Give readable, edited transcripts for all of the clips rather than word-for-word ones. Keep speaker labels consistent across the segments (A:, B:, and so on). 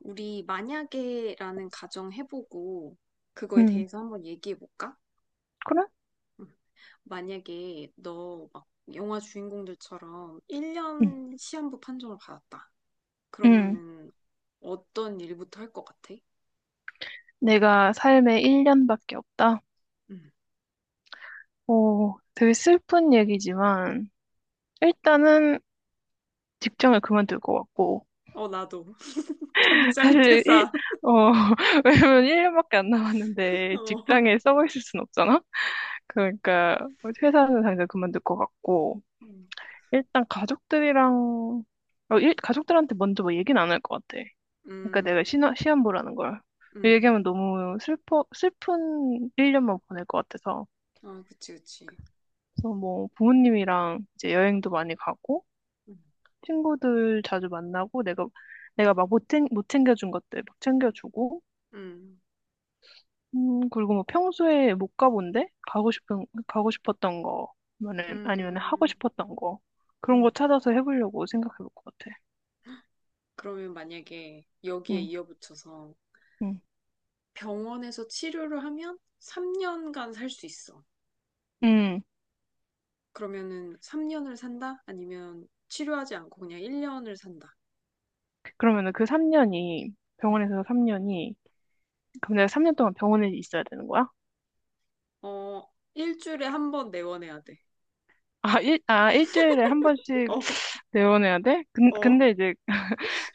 A: 우리 만약에라는 가정 해보고 그거에
B: 응,
A: 대해서 한번 얘기해 볼까?
B: 그래?
A: 만약에 너 막 영화 주인공들처럼
B: 응.
A: 1년 시한부 판정을 받았다.
B: 응,
A: 그러면은 어떤 일부터 할 것 같아?
B: 내가 삶에 1년밖에 없다.
A: 음.
B: 오, 되게 슬픈 얘기지만, 일단은 직장을 그만둘 것 같고,
A: 어, 나도. 당장
B: 사실 일,
A: 퇴사.
B: 어, 왜냐면 1년밖에 안 남았는데
A: 어.
B: 직장에 썩어 있을 순 없잖아? 그러니까 회사는 당장 그만둘 것 같고,
A: 음.
B: 일단 가족들이랑, 가족들한테 먼저 뭐 얘기는 안 할 것 같아. 그러니까 내가
A: 음.
B: 시험 보라는 걸.
A: 음.
B: 얘기하면 너무 슬픈 1년만 보낼 것 같아서.
A: 아, 그치, 그치.
B: 그래서 뭐 부모님이랑 이제 여행도 많이 가고
A: 음.
B: 친구들 자주 만나고 내가 막 못 챙겨준 것들 막 챙겨주고
A: 음.
B: 그리고 뭐 평소에 못 가본 데 가고 싶었던 거 아니면 하고
A: 음.
B: 싶었던 거 그런 거
A: 음.
B: 찾아서 해보려고 생각해 볼 것 같아.
A: 그러면 만약에 여기에
B: 음,
A: 이어붙여서
B: 음,
A: 병원에서 치료를 하면 3년간 살 수 있어.
B: 음.
A: 그러면은 3년을 산다? 아니면 치료하지 않고 그냥 1년을 산다.
B: 그러면은 그 3년이,
A: 음.
B: 병원에서 3년이, 그럼 내가 3년 동안 병원에 있어야 되는 거야?
A: 어, 일주일에 한 번 내원해야 돼.
B: 아, 일주일에 한 번씩 내보내야 돼? 근,
A: 어, 어,
B: 근데 이제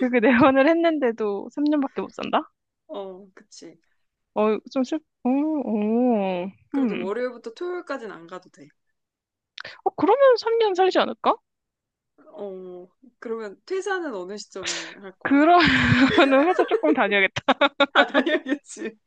B: 그게 내원을 했는데도 3년밖에 못 산다?
A: 어, 그치.
B: 어, 좀 어, 어,
A: 그래도
B: 음.
A: 월요일부터 토요일까지는 안 가도 돼.
B: 어, 그러면 3년 살지 않을까?
A: 어, 그러면 퇴사는 어느 시점에 할 거야?
B: 그러면은 회사 조금 다녀야겠다.
A: 아, 당연겠지.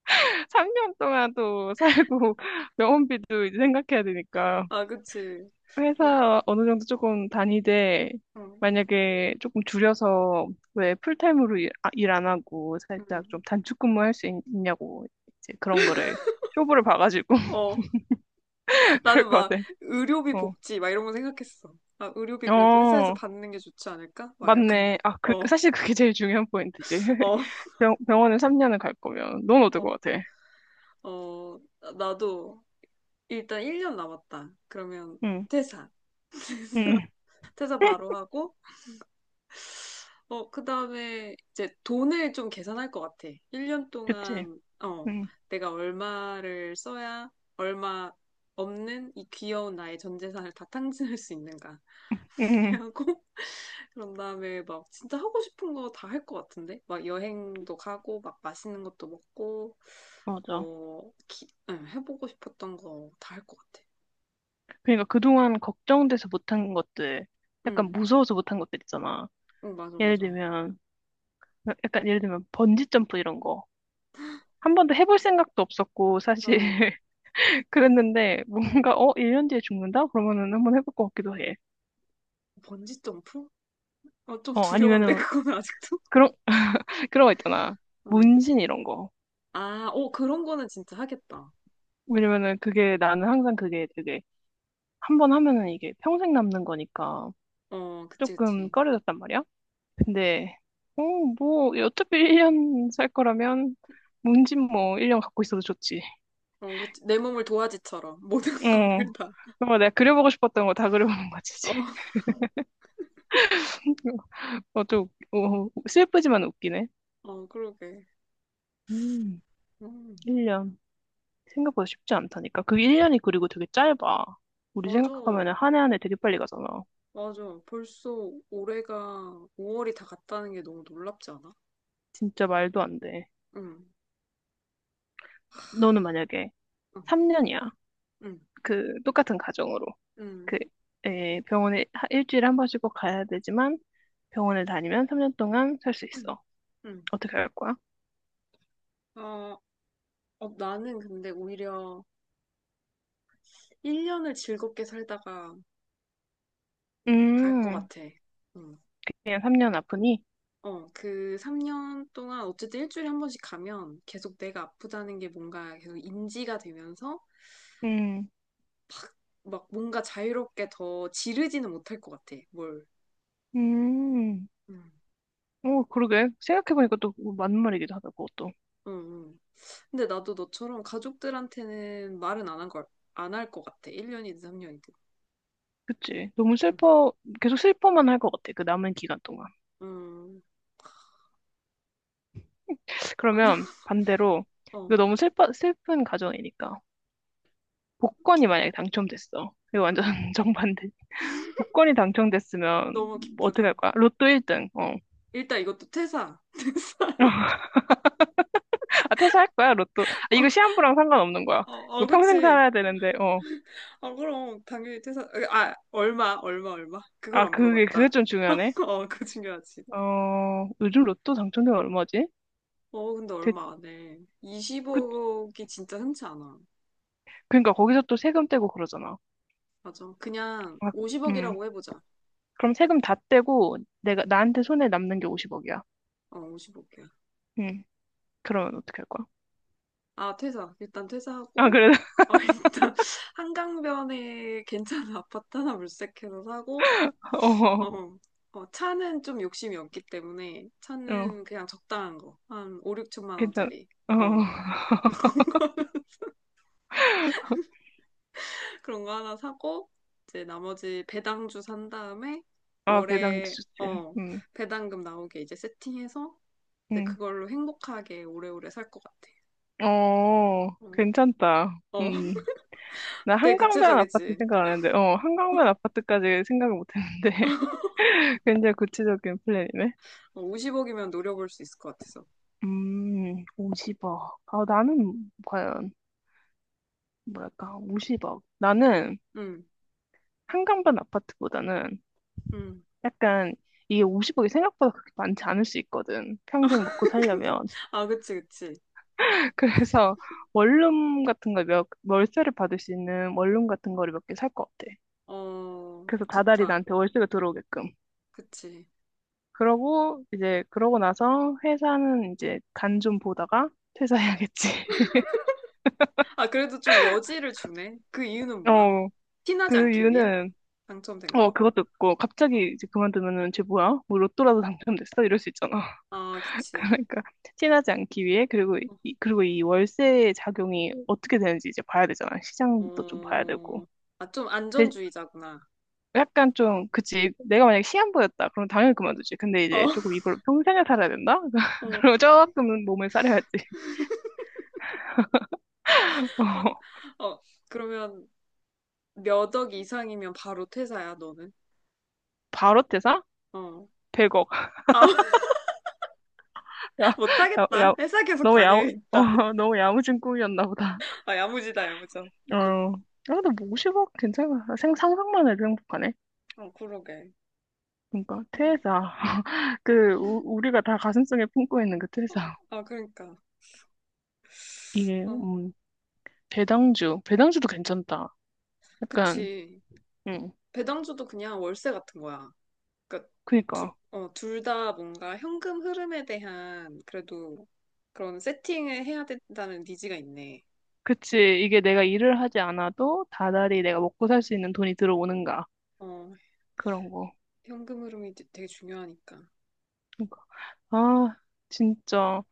B: 3년 동안도 살고, 병원비도 이제 생각해야 되니까.
A: 아, 그치. 어,
B: 회사 어느 정도 조금 다니되,
A: 어,
B: 만약에 조금 줄여서, 왜 풀타임으로 일 안 하고, 살짝
A: 음.
B: 좀 단축 근무할 수 있, 냐고 이제 그런 거를, 쇼부를 봐가지고,
A: 어. 나는
B: 그럴 것
A: 막
B: 같아.
A: 의료비
B: 어.
A: 복지 막 이런 거 생각했어. 아, 의료비 그래도 회사에서
B: 어.
A: 받는 게 좋지 않을까? 막 약간.
B: 맞네. 아, 그,
A: 어,
B: 사실 그게 제일 중요한 포인트지.
A: 어,
B: 병원을 3년을 갈 거면, 넌 어떨
A: 어,
B: 것 같아?
A: 어, 나도 일단 1년 남았다. 그러면
B: 응,
A: 퇴사.
B: 응,
A: 퇴사 바로 하고 어, 그다음에 이제 돈을 좀 계산할 것 같아. 1년
B: 그치.
A: 동안 어,
B: 응,
A: 내가 얼마를 써야 얼마 없는 이 귀여운 나의 전 재산을 다 탕진할 수 있는가
B: 응,
A: 하고 그런 다음에 막 진짜 하고 싶은 거 다 할 것 같은데? 막 여행도 가고, 막 맛있는 것도 먹고,
B: 맞아.
A: 뭐, 응, 해보고 싶었던 거 다 할 것 같아.
B: 그러니까 그동안 걱정돼서 못한 것들, 약간
A: 응,
B: 무서워서 못한 것들 있잖아.
A: 응, 맞아,
B: 예를
A: 맞아.
B: 들면, 약간 예를 들면 번지점프 이런 거. 한 번도 해볼 생각도 없었고, 사실.
A: 어,
B: 그랬는데,
A: 어.
B: 뭔가, 어, 1년 뒤에 죽는다? 그러면은 한번 해볼 것 같기도 해.
A: 번지 점프? 어, 좀
B: 어,
A: 두려운데,
B: 아니면은,
A: 그거는 아직도?
B: 그런, 그런 거 있잖아.
A: 어.
B: 문신 이런 거.
A: 아, 어, 그런 거는 진짜 하겠다.
B: 왜냐면은 그게 나는 항상 그게 되게 한 번 하면은 이게 평생 남는 거니까
A: 어, 그치,
B: 조금
A: 그치.
B: 꺼려졌단 말이야. 근데 어, 뭐 어차피 1년 살 거라면 문진 뭐 1년 갖고 있어도 좋지.
A: 어, 그치. 내 몸을 도화지처럼 모든 거를
B: 어.
A: 다.
B: 그거 내가 그려보고 싶었던 거 다 그려보는 거지, 이제.
A: 어,
B: 어, 좀, 슬프지만 웃기네.
A: 어, 그러게.
B: 음,
A: 음,
B: 1년. 생각보다 쉽지 않다니까. 그 1년이 그리고 되게 짧아. 우리
A: 맞아.
B: 생각하면 한 해 한 해 되게 빨리 가잖아.
A: 맞아. 벌써 올해가 5월이 다 갔다는 게 너무 놀랍지 않아?
B: 진짜 말도 안 돼.
A: 응,
B: 너는 만약에
A: 응,
B: 3년이야.
A: 응,
B: 그, 똑같은 가정으로.
A: 응,
B: 그, 병원에 일주일에 한 번씩 꼭 가야 되지만 병원을 다니면 3년 동안 살 수
A: 응,
B: 있어.
A: 응.
B: 어떻게 할 거야?
A: 어, 어, 나는 근데 오히려 1년을 즐겁게 살다가 갈 것
B: 음,
A: 같아. 응.
B: 그냥 3년 아프니?
A: 어, 그 3년 동안 어쨌든 일주일에 한 번씩 가면 계속 내가 아프다는 게 뭔가 계속 인지가 되면서
B: 음,
A: 막 뭔가 자유롭게 더 지르지는 못할 것 같아. 뭘.
B: 음.
A: 응,
B: 어, 그러게. 생각해보니까 또 그거 맞는 말이기도 하다, 그것도.
A: 응, 응. 근데 나도 너처럼 가족들한테는 말은 안 한 걸, 안 할 것 같아. 1년이든 3년이든.
B: 그치. 너무
A: 응.
B: 계속 슬퍼만 할 것 같아, 그 남은 기간 동안.
A: 음, 맞아.
B: 그러면 반대로,
A: 어,
B: 이거 너무 슬픈 가정이니까. 복권이 만약에 당첨됐어. 이거 완전
A: 음.
B: 정반대. 복권이 당첨됐으면
A: 너무
B: 뭐 어떻게
A: 기쁘다.
B: 할 거야? 로또 1등. 어.
A: 일단 이것도 퇴사. 퇴사.
B: 아, 퇴사할 거야, 로또. 아, 이거
A: 어,
B: 시한부랑 상관없는 거야.
A: 어, 어,
B: 이거 평생
A: 그치.
B: 살아야 되는데, 어.
A: 어, 그럼, 당연히 퇴사. 아, 아, 얼마, 얼마, 얼마. 그걸
B: 아,
A: 안
B: 그게, 그게
A: 물어봤다.
B: 좀 중요하네.
A: 어, 그거 중요하지.
B: 어, 요즘 로또 당첨료가 얼마지?
A: 어, 근데
B: 대,
A: 얼마 안 해.
B: 그,
A: 20억이 진짜 흔치 않아.
B: 그러니까 거기서 또 세금 떼고 그러잖아.
A: 맞아. 그냥
B: 아, 음.
A: 50억이라고 해보자.
B: 그럼 세금 다 떼고, 내가, 나한테 손에 남는 게 50억이야.
A: 어, 50억이야.
B: 음. 그러면 어떻게 할 거야?
A: 아, 퇴사. 일단
B: 아,
A: 퇴사하고,
B: 그래?
A: 어, 일단 한강변에 괜찮은 아파트 하나 물색해서 사고,
B: 어,
A: 어, 어, 차는 좀 욕심이 없기 때문에
B: 어,
A: 차는 그냥 적당한 거. 한 5, 6천만
B: 괜찮아.
A: 원짜리.
B: 어,
A: 어, 그런 거 하나 사고, 이제 나머지 배당주 산 다음에
B: 아, 배당주
A: 월에,
B: 좋지.
A: 어,
B: 음,
A: 배당금 나오게 이제 세팅해서 이제
B: 음.
A: 그걸로 행복하게 오래오래 살 것 같아.
B: 어,
A: 어,
B: 괜찮다.
A: 어,
B: 음. 나
A: 되게
B: 한강변 아파트
A: 구체적이지.
B: 생각 안 했는데, 어, 한강변 아파트까지 생각을 못 했는데. 굉장히 구체적인 플랜이네.
A: 어, 50억이면 노려볼 수 있을 것 같아서.
B: 50억. 아, 나는 과연, 뭐랄까, 50억. 나는
A: 응,
B: 한강변 아파트보다는
A: 응.
B: 약간 이게 50억이 생각보다 그렇게 많지 않을 수 있거든. 평생 먹고 살려면.
A: 아, 그치, 그치.
B: 그래서 원룸 같은 거 몇, 월세를 받을 수 있는 원룸 같은 거를 몇 개 살 것 같아.
A: 어,
B: 그래서 다달이
A: 좋다.
B: 나한테 월세가 들어오게끔.
A: 그치.
B: 그러고 이제 그러고 나서 회사는 이제 간 좀 보다가 퇴사해야겠지.
A: 아, 그래도 좀 여지를 주네. 그 이유는 뭐야?
B: 어,
A: 티나지
B: 그
A: 않기 위해?
B: 이유는
A: 당첨된
B: 어,
A: 거?
B: 그것도 있고
A: 어.
B: 갑자기 이제 그만두면은 쟤 뭐야? 뭐 로또라도 당첨됐어? 이럴 수 있잖아.
A: 아, 그치.
B: 그러니까 티나지 않기 위해 그리고 이, 그리고 이 월세 작용이 어떻게 되는지 이제 봐야 되잖아. 시장도 좀 봐야 되고.
A: 어, 아, 좀
B: 대-
A: 안전주의자구나.
B: 약간 좀 그치, 내가 만약에 시한부였다 그럼 당연히 그만두지. 근데
A: 어,
B: 이제 조금 이걸 평생을 살아야 된다.
A: 어,
B: 그럼 조금 몸을 사려야지. 어,
A: 어, 어. 그러면 몇 억 이상이면 바로 퇴사야, 너는?
B: 바로 퇴사?
A: 어.
B: 100억.
A: 아,
B: 야, 야, 야,
A: 못하겠다. 회사 계속
B: 너무
A: 다녀야겠다.
B: 너무 야무진 꿈이었나 보다.
A: 아, 야무지다, 야무져.
B: 어, 아, 근데 뭐 50억 괜찮아. 상상만 해도 행복하네.
A: 어, 그러게.
B: 그러니까, 퇴사. 그, 우리가 다 가슴속에 품고 있는 그
A: 어,
B: 퇴사.
A: 아, 그러니까.
B: 이게,
A: 어,
B: 배당주. 배당주도 괜찮다. 약간,
A: 그치.
B: 음,
A: 배당주도 그냥 월세 같은 거야. 그러니까 둘,
B: 그니까.
A: 어, 둘 다 뭔가 현금 흐름에 대한 그래도 그런 세팅을 해야 된다는 니즈가 있네.
B: 그치. 이게 내가
A: 어,
B: 일을 하지 않아도
A: 음.
B: 다달이 내가 먹고 살 수 있는 돈이 들어오는가.
A: 어,
B: 그런 거.
A: 현금 흐름이 되게 중요하니까.
B: 그러니까. 아, 진짜.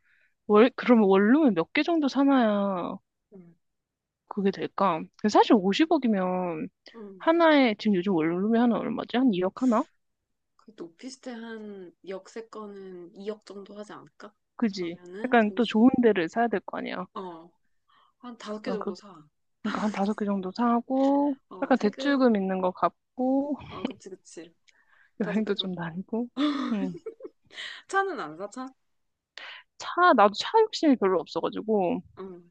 B: 그러면 원룸을 몇 개 정도 사나야
A: 음.
B: 그게 될까? 근데 사실 50억이면
A: 음.
B: 하나에 지금 요즘 원룸이 하나 얼마지? 한 2억 하나?
A: 그래도 오피스텔 한 역세권은 2억 정도 하지 않을까?
B: 그지?
A: 그러면은
B: 약간 또
A: 50,
B: 좋은 데를 사야 될 거 아니야.
A: 어, 한 다섯 개
B: 그냥
A: 정도 사.
B: 그러니까 한 다섯 개 정도 사고
A: 어,
B: 약간
A: 세금,
B: 대출금 있는 거 갚고
A: 어, 그치, 그치. 다섯 개
B: 여행도 좀
A: 정도.
B: 다니고. 음.
A: 차는 안 사, 차?
B: 차 나도 차 욕심이 별로 없어가지고
A: 응.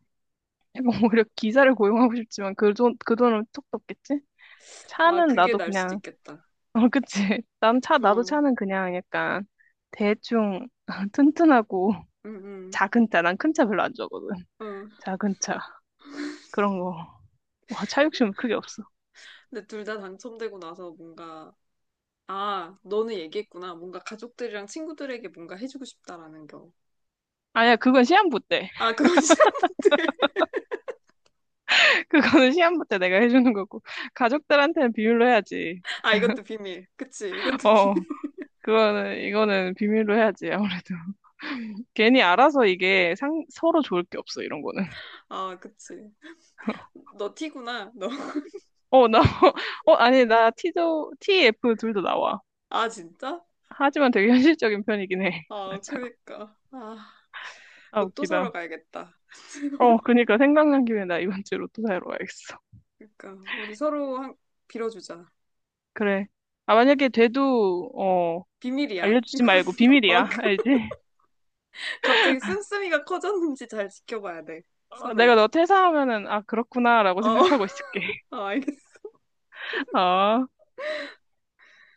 B: 오히려 기사를 고용하고 싶지만 그 돈, 그 돈은 톡 떴겠지?
A: 아,
B: 차는
A: 그게
B: 나도
A: 날 수도
B: 그냥
A: 있겠다.
B: 어, 그치? 난 차 나도
A: 어,
B: 차는 그냥 약간 대충 튼튼하고
A: 응, 응.
B: 작은 차, 난 큰 차 별로 안 좋아하거든.
A: 어.
B: 작은 차 그런 거. 와, 차 욕심은 크게 없어.
A: 근데 둘 다 당첨되고 나서 뭔가, 아, 너는 얘기했구나. 뭔가 가족들이랑 친구들에게 뭔가 해주고 싶다라는 거.
B: 아니야, 그건 시한부 때.
A: 아, 그건 싫었는데.
B: 그거는 시한부 때 내가 해주는 거고 가족들한테는 비밀로 해야지.
A: 아, 이것도 비밀. 그치, 이것도
B: 어,
A: 비밀.
B: 그거는 이거는 비밀로 해야지 아무래도. 괜히 알아서 이게 상, 서로 좋을 게 없어, 이런 거는.
A: 아, 그치. 너 티구나, 너.
B: 어, 나, 어, 아니 나 T도 TF 둘도 나와.
A: 아, 진짜?
B: 하지만 되게 현실적인 편이긴 해.
A: 아,
B: 맞아.
A: 그니까. 아,
B: 아,
A: 로또
B: 웃기다.
A: 사러 가야겠다.
B: 어, 그니까 생각난 김에 나 이번 주에 로또 사러 와야겠어.
A: 그니까, 우리 서로 한, 빌어주자.
B: 그래. 아, 만약에 돼도, 어,
A: 비밀이야.
B: 알려주지
A: 이건,
B: 말고
A: 어,
B: 비밀이야. 알지?
A: 갑자기 씀씀이가 커졌는지 잘 지켜봐야 돼.
B: 어, 내가
A: 서로.
B: 너 퇴사하면은, 아, 그렇구나라고
A: 어,
B: 생각하고 있을게.
A: 어, 알겠어.
B: 어.